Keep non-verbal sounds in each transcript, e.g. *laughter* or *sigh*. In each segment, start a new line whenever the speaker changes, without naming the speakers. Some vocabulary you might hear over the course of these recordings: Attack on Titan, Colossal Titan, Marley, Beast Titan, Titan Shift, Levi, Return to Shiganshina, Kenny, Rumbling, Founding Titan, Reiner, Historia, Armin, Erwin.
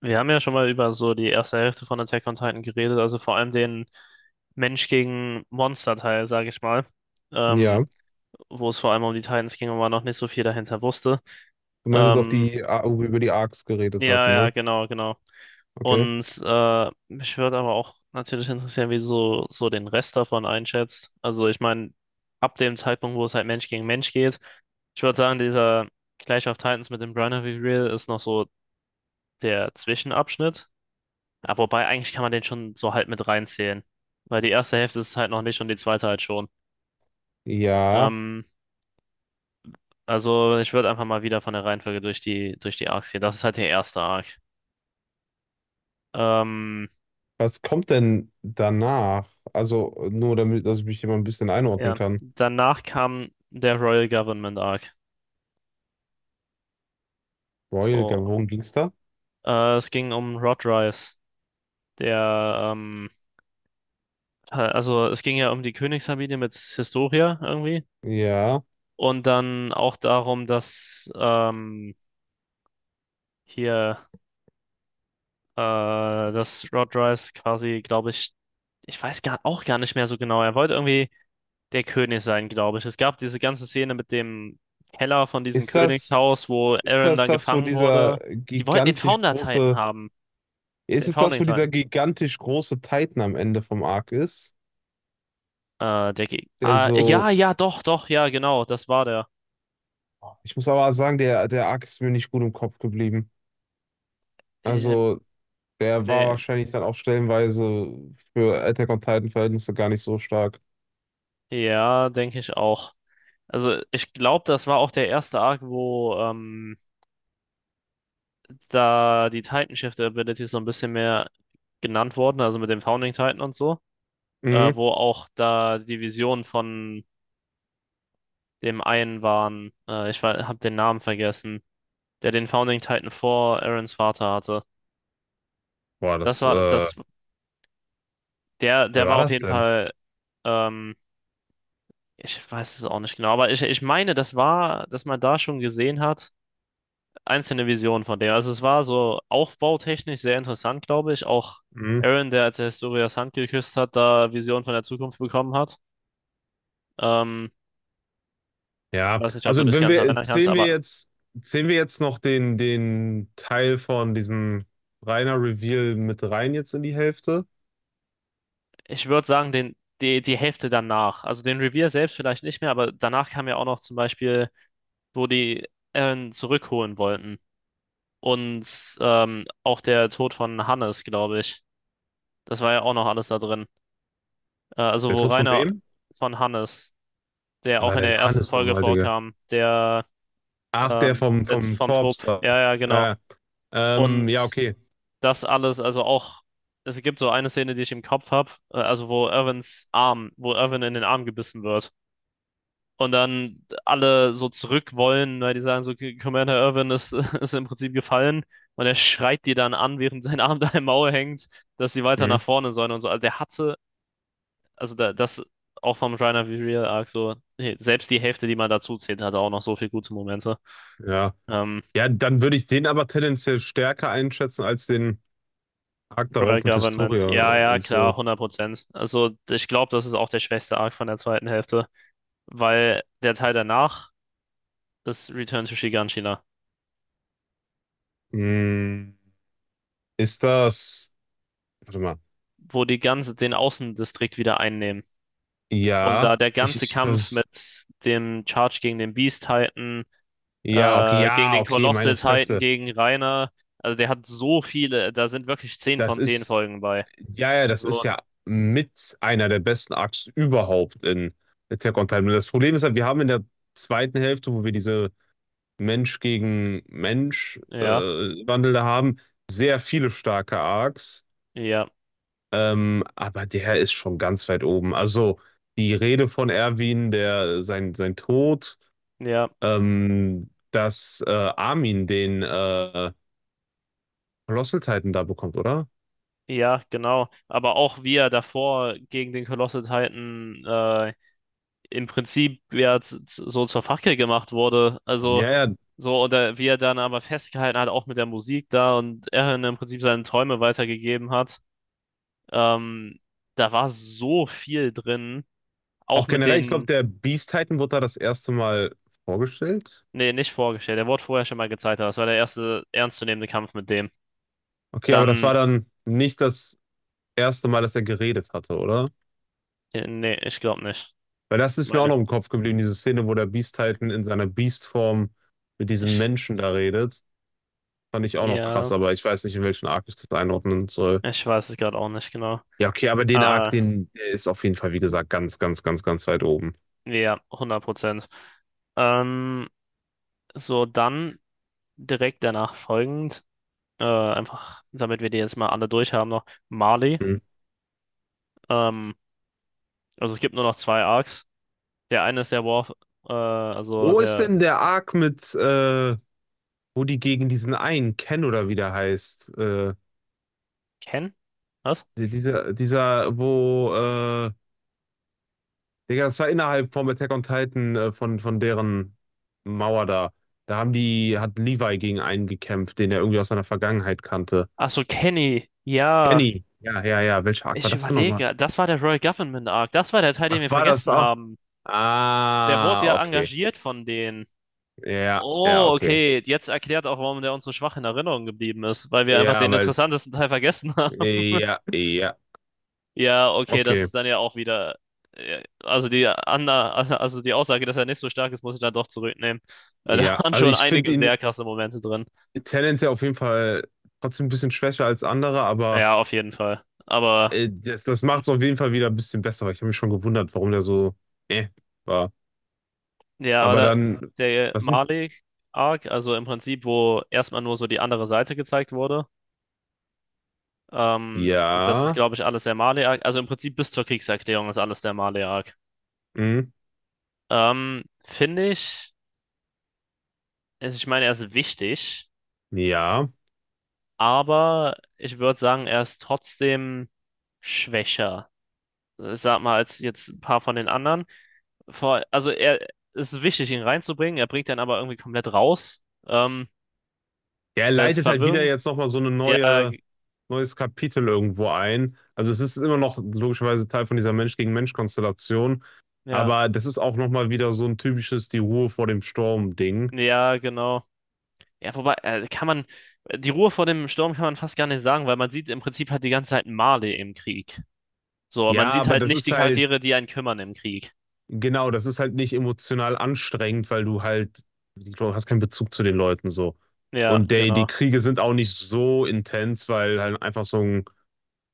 Wir haben ja schon mal über so die erste Hälfte von Attack on Titan geredet, also vor allem den Mensch gegen Monster-Teil, sage ich mal, ähm,
Ja,
wo es vor allem um die Titans ging und man noch nicht so viel dahinter wusste.
du meinst jetzt auch
Ähm,
die, wo wir über die ARCs geredet
ja,
hatten, ne?
ja, genau, genau.
Okay.
Und mich würde aber auch natürlich interessieren, wie du so, so den Rest davon einschätzt. Also ich meine, ab dem Zeitpunkt, wo es halt Mensch gegen Mensch geht, ich würde sagen, dieser Clash of Titans mit dem Bronner Reveal ist noch so der Zwischenabschnitt. Ja, wobei, eigentlich kann man den schon so halt mit reinzählen. Weil die erste Hälfte ist es halt noch nicht und die zweite halt schon.
Ja,
Ähm, also ich würde einfach mal wieder von der Reihenfolge durch die Arcs gehen. Das ist halt der erste Arc. Ähm,
was kommt denn danach? Also nur damit, dass ich mich immer ein bisschen einordnen
ja.
kann.
Danach kam der Royal Government Arc.
Royal
So,
Gavon ging's da?
es ging um Rodrice, der, also es ging ja um die Königsfamilie mit Historia irgendwie.
Ja.
Und dann auch darum, dass hier dass Rodrice quasi, glaube ich, ich weiß gar, auch gar nicht mehr so genau. Er wollte irgendwie der König sein, glaube ich. Es gab diese ganze Szene mit dem Keller von diesem
Ist das,
Königshaus, wo
ist
Aaron
das
dann
das, wo
gefangen
dieser
wurde. Die wollten den Founder Titan haben.
ist
Den
es das,
Founding
wo dieser
Titan.
gigantisch große Titan am Ende vom Arc ist? Der so,
Ja, ja, doch, doch, ja, genau, das war der.
ich muss aber sagen, der Arc ist mir nicht gut im Kopf geblieben.
Ähm,
Also der war
nee,
wahrscheinlich dann auch stellenweise für Attack on Titan Verhältnisse gar nicht so stark.
ja, denke ich auch. Also, ich glaube, das war auch der erste Arc, wo da die Titan Shift Abilities so ein bisschen mehr genannt wurden, also mit dem Founding Titan und so.
Mhm.
Wo auch da Divisionen von dem einen waren. Ich habe den Namen vergessen, der den Founding Titan vor Aarons Vater hatte.
Boah,
Das
das,
war,
wer
das, der, der
war
war auf
das
jeden
denn?
Fall, ähm, ich weiß es auch nicht genau, aber ich meine, das war, dass man da schon gesehen hat, einzelne Visionen von dem. Also es war so aufbautechnisch sehr interessant, glaube ich. Auch
Mhm.
Aaron, der als er Historias Hand geküsst hat, da Visionen von der Zukunft bekommen hat. Ähm, ich
Ja,
weiß nicht, ob
also
du dich
wenn
ganz
wir,
erinnern kannst, aber
zählen wir jetzt noch den, den Teil von diesem Reiner Reveal mit rein jetzt in die Hälfte?
ich würde sagen, den, die Hälfte danach. Also den Revier selbst vielleicht nicht mehr, aber danach kam ja auch noch zum Beispiel, wo die Eren zurückholen wollten. Und auch der Tod von Hannes, glaube ich. Das war ja auch noch alles da drin. Also
Der
wo
Tod von
Rainer
wem?
von Hannes, der
Wer
auch
war
in
denn
der ersten
Hannes
Folge
nochmal, Digga?
vorkam, der,
Ach, der vom,
der
vom
vom
Korps
Trupp.
da.
Ja, ja, genau.
Ja, ja,
Und
okay.
das alles, also auch, es gibt so eine Szene, die ich im Kopf habe, also wo Irvin in den Arm gebissen wird. Und dann alle so zurück wollen, weil die sagen so, Commander Irwin ist, *laughs* ist im Prinzip gefallen. Und er schreit die dann an, während sein Arm *laughs* da im Maul hängt, dass sie weiter nach
Hm,
vorne sollen und so. Also der hatte, also da, das auch vom Reiner Real Arc so, hey, selbst die Hälfte, die man dazu zählt, hatte auch noch so viele gute Momente.
ja.
Ähm,
Ja, dann würde ich den aber tendenziell stärker einschätzen als den Arc
Royal
darauf mit
Government,
Historia
ja, ja,
und so.
klar, 100%. Also ich glaube, das ist auch der schwächste Arc von der zweiten Hälfte, weil der Teil danach ist Return to Shiganshina,
Hm, ist das. Warte mal.
wo die ganze den Außendistrikt wieder einnehmen. Und
Ja,
da der ganze
ich
Kampf mit
vers
dem Charge gegen den Beast Titan,
Ja, okay,
gegen
ja,
den
okay,
Colossal
meine
Titan,
Fresse.
gegen Reiner, also der hat so viele, da sind wirklich 10
Das
von 10
ist.
Folgen bei.
Ja, ja, das ist
Also,
ja mit einer der besten Arcs überhaupt in Attack on Titan. Das Problem ist halt, wir haben in der zweiten Hälfte, wo wir diese Mensch gegen Mensch
ja,
Mhm. Wandel da haben. Sehr viele starke Arcs,
ja,
aber der ist schon ganz weit oben. Also die Rede von Erwin, sein Tod,
ja,
dass Armin den Colossal Titan da bekommt, oder?
ja, genau. Aber auch wie er davor gegen den Colossal Titan im Prinzip ja so zur Fackel gemacht wurde. Also,
Ja, ja.
so, oder wie er dann aber festgehalten hat, auch mit der Musik da und er im Prinzip seine Träume weitergegeben hat. Ähm, da war so viel drin,
Auch
auch mit
generell, ich glaube,
den,
der Beast Titan wurde da das erste Mal vorgestellt.
nee, nicht vorgestellt, der wurde vorher schon mal gezeigt, aber das war der erste ernstzunehmende Kampf mit dem.
Okay, aber das
Dann,
war dann nicht das erste Mal, dass er geredet hatte, oder?
nee, ich glaube nicht.
Weil das
Ich
ist mir auch
meine,
noch im Kopf geblieben, diese Szene, wo der Beast Titan in seiner Beast-Form mit diesem
ich,
Menschen da redet. Fand ich auch noch krass,
ja,
aber ich weiß nicht, in welchen Arc ich das einordnen soll.
ich weiß es gerade auch nicht genau.
Ja, okay, aber den Arc,
Äh,
den der ist auf jeden Fall, wie gesagt, ganz, ganz, ganz, ganz weit oben.
ja, 100%. Ähm, so, dann direkt danach folgend, einfach, damit wir die jetzt mal alle durch haben, noch Marley.
Hm.
Ähm, also es gibt nur noch zwei Arcs. Der eine ist der War, also
Wo ist
der
denn der Arc mit, wo die gegen diesen einen Ken oder wie der heißt?
Ken? Was?
Dieser, dieser, wo, äh, Digga, das war innerhalb vom Attack on Titan, von deren Mauer da. Da haben hat Levi gegen einen gekämpft, den er irgendwie aus seiner Vergangenheit kannte.
Ach so, Kenny. Ja,
Kenny. Ja, ja, ja. Welcher Arc war
ich
das denn nochmal?
überlege. Das war der Royal Government Arc. Das war der Teil, den
Ach,
wir
war das
vergessen
auch?
haben. Der wurde
Ah,
ja
okay.
engagiert von denen.
Ja, ja,
Oh,
okay.
okay. Jetzt erklärt auch, warum der uns so schwach in Erinnerung geblieben ist, weil wir einfach
Ja,
den interessantesten Teil vergessen haben. *laughs*
ja, ja,
Ja, okay, das
okay.
ist dann ja auch wieder. Also also die Aussage, dass er nicht so stark ist, muss ich dann doch zurücknehmen. Da
Ja,
waren
also
schon
ich finde
einige
ihn
sehr krasse Momente drin.
tendenziell auf jeden Fall trotzdem ein bisschen schwächer als andere, aber
Ja, auf jeden Fall. Aber
das macht es auf jeden Fall wieder ein bisschen besser, weil ich habe mich schon gewundert, warum der so, äh, war.
ja, aber
Aber
da,
dann,
der
was sind,
Malik-Arc, also im Prinzip, wo erstmal nur so die andere Seite gezeigt wurde, das ist,
ja,
glaube ich, alles der Malik-Arc. Also im Prinzip bis zur Kriegserklärung ist alles der Malik-Arc.
hm,
Finde ich, also ich meine, er ist wichtig,
ja.
aber ich würde sagen, er ist trotzdem schwächer, sag mal, als jetzt ein paar von den anderen. Also er, es ist wichtig, ihn reinzubringen, er bringt dann aber irgendwie komplett raus.
Ja, er
Er ist
leitet halt wieder
verwirrend.
jetzt nochmal so
Ja, g-
neues Kapitel irgendwo ein. Also es ist immer noch logischerweise Teil von dieser Mensch-gegen-Mensch-Konstellation.
ja,
Aber das ist auch nochmal wieder so ein typisches die Ruhe vor dem Sturm-Ding.
ja, genau. Ja, wobei, kann man, die Ruhe vor dem Sturm kann man fast gar nicht sagen, weil man sieht im Prinzip halt die ganze Zeit Marley im Krieg. So, man
Ja,
sieht
aber
halt
das
nicht
ist
die
halt,
Charaktere, die einen kümmern im Krieg.
genau, das ist halt nicht emotional anstrengend, weil du halt, du hast keinen Bezug zu den Leuten so.
Ja,
Und die
genau.
Kriege sind auch nicht so intens, weil halt einfach so ein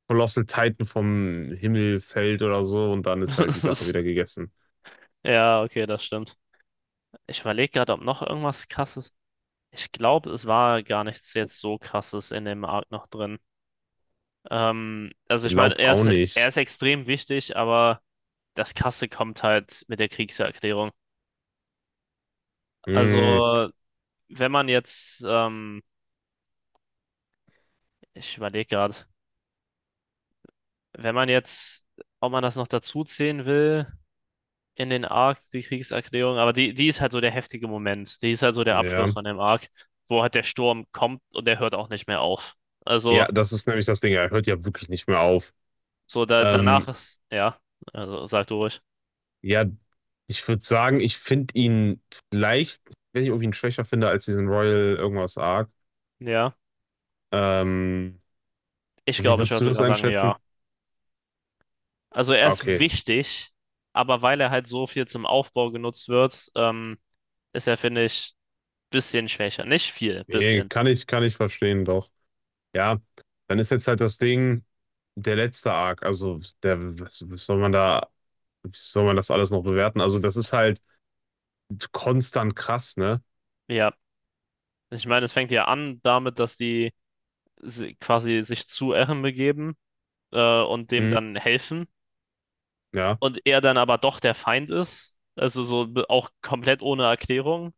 Colossal Titan vom Himmel fällt oder so und dann
*laughs*
ist halt die
Das
Sache
ist-
wieder gegessen.
ja, okay, das stimmt. Ich überlege gerade, ob noch irgendwas krasses. Ich glaube, es war gar nichts jetzt so krasses in dem Arc noch drin. Also
Ich
ich meine,
glaub auch
er
nicht.
ist extrem wichtig, aber das Krasse kommt halt mit der Kriegserklärung.
Hm,
Also, wenn man jetzt, ich überlege gerade, wenn man jetzt, ob man das noch dazu zählen will, in den Arc, die Kriegserklärung, aber die ist halt so der heftige Moment. Die ist halt so der Abschluss
ja.
von dem Arc, wo halt der Sturm kommt und der hört auch nicht mehr auf. Also,
Ja, das ist nämlich das Ding. Er hört ja wirklich nicht mehr auf.
so da, danach
Ähm,
ist, ja, also sag du ruhig.
ja, ich würde sagen, ich finde ihn vielleicht, wenn ich irgendwie ihn schwächer finde als diesen Royal irgendwas Arc.
Ja,
Ähm,
ich
wie
glaube, ich
würdest
würde
du das
sogar sagen, ja.
einschätzen?
Also, er ist
Okay.
wichtig, aber weil er halt so viel zum Aufbau genutzt wird, ist er, finde ich, bisschen schwächer. Nicht viel,
Nee,
bisschen.
kann ich verstehen, doch. Ja, dann ist jetzt halt das Ding, der letzte Arc. Also, der, was soll man da Wie soll man das alles noch bewerten? Also, das ist halt konstant krass, ne?
Ja, ich meine, es fängt ja an damit, dass die quasi sich zu Eren begeben und dem
Mhm,
dann helfen
ja.
und er dann aber doch der Feind ist, also auch komplett ohne Erklärung.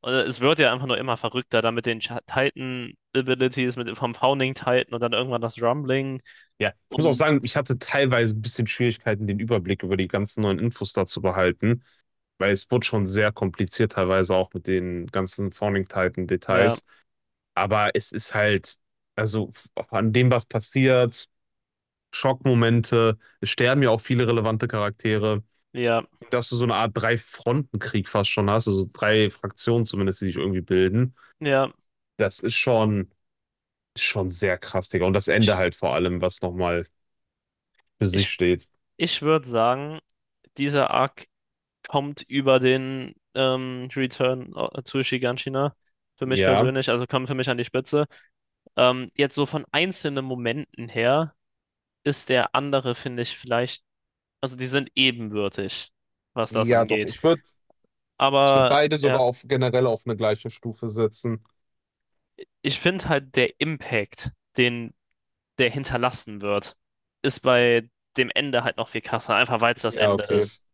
Und es wird ja einfach nur immer verrückter, dann mit den Titan-Abilities, mit vom Founding Titan und dann irgendwann das Rumbling
Ja, ich muss auch
und
sagen, ich hatte teilweise ein bisschen Schwierigkeiten, den Überblick über die ganzen neuen Infos da zu behalten, weil es wurde schon sehr kompliziert, teilweise auch mit den ganzen
ja,
Forming-Titan-Details. Aber es ist halt, an dem, was passiert, Schockmomente, es sterben ja auch viele relevante Charaktere,
ja,
dass du so eine Art Drei-Fronten-Krieg fast schon hast, also drei Fraktionen zumindest, die sich irgendwie bilden.
ja.
Das ist schon. Ist schon sehr krass, Digga. Und das Ende
Ich,
halt vor allem, was nochmal für sich
ich,
steht.
ich würde sagen, dieser Arc kommt über den Return zu Shiganshina für mich
Ja.
persönlich, also kommt für mich an die Spitze. Jetzt so von einzelnen Momenten her ist der andere, finde ich, vielleicht, also die sind ebenbürtig, was das
Ja, doch.
angeht.
Ich würd
Aber
beide sogar
ja,
auf, generell auf eine gleiche Stufe setzen.
ich finde halt der Impact, den der hinterlassen wird, ist bei dem Ende halt noch viel krasser, einfach weil es das
Ja,
Ende
okay.
ist.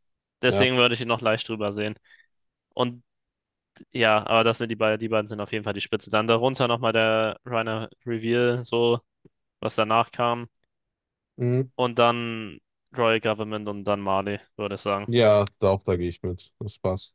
Ja.
Deswegen würde ich ihn noch leicht drüber sehen. Und ja, aber das sind die beiden sind auf jeden Fall die Spitze. Dann darunter nochmal der Reiner Reveal, so, was danach kam.
Mhm.
Und dann Royal Government und dann Marley, würde ich sagen.
Ja, da auch, da gehe ich mit. Das passt.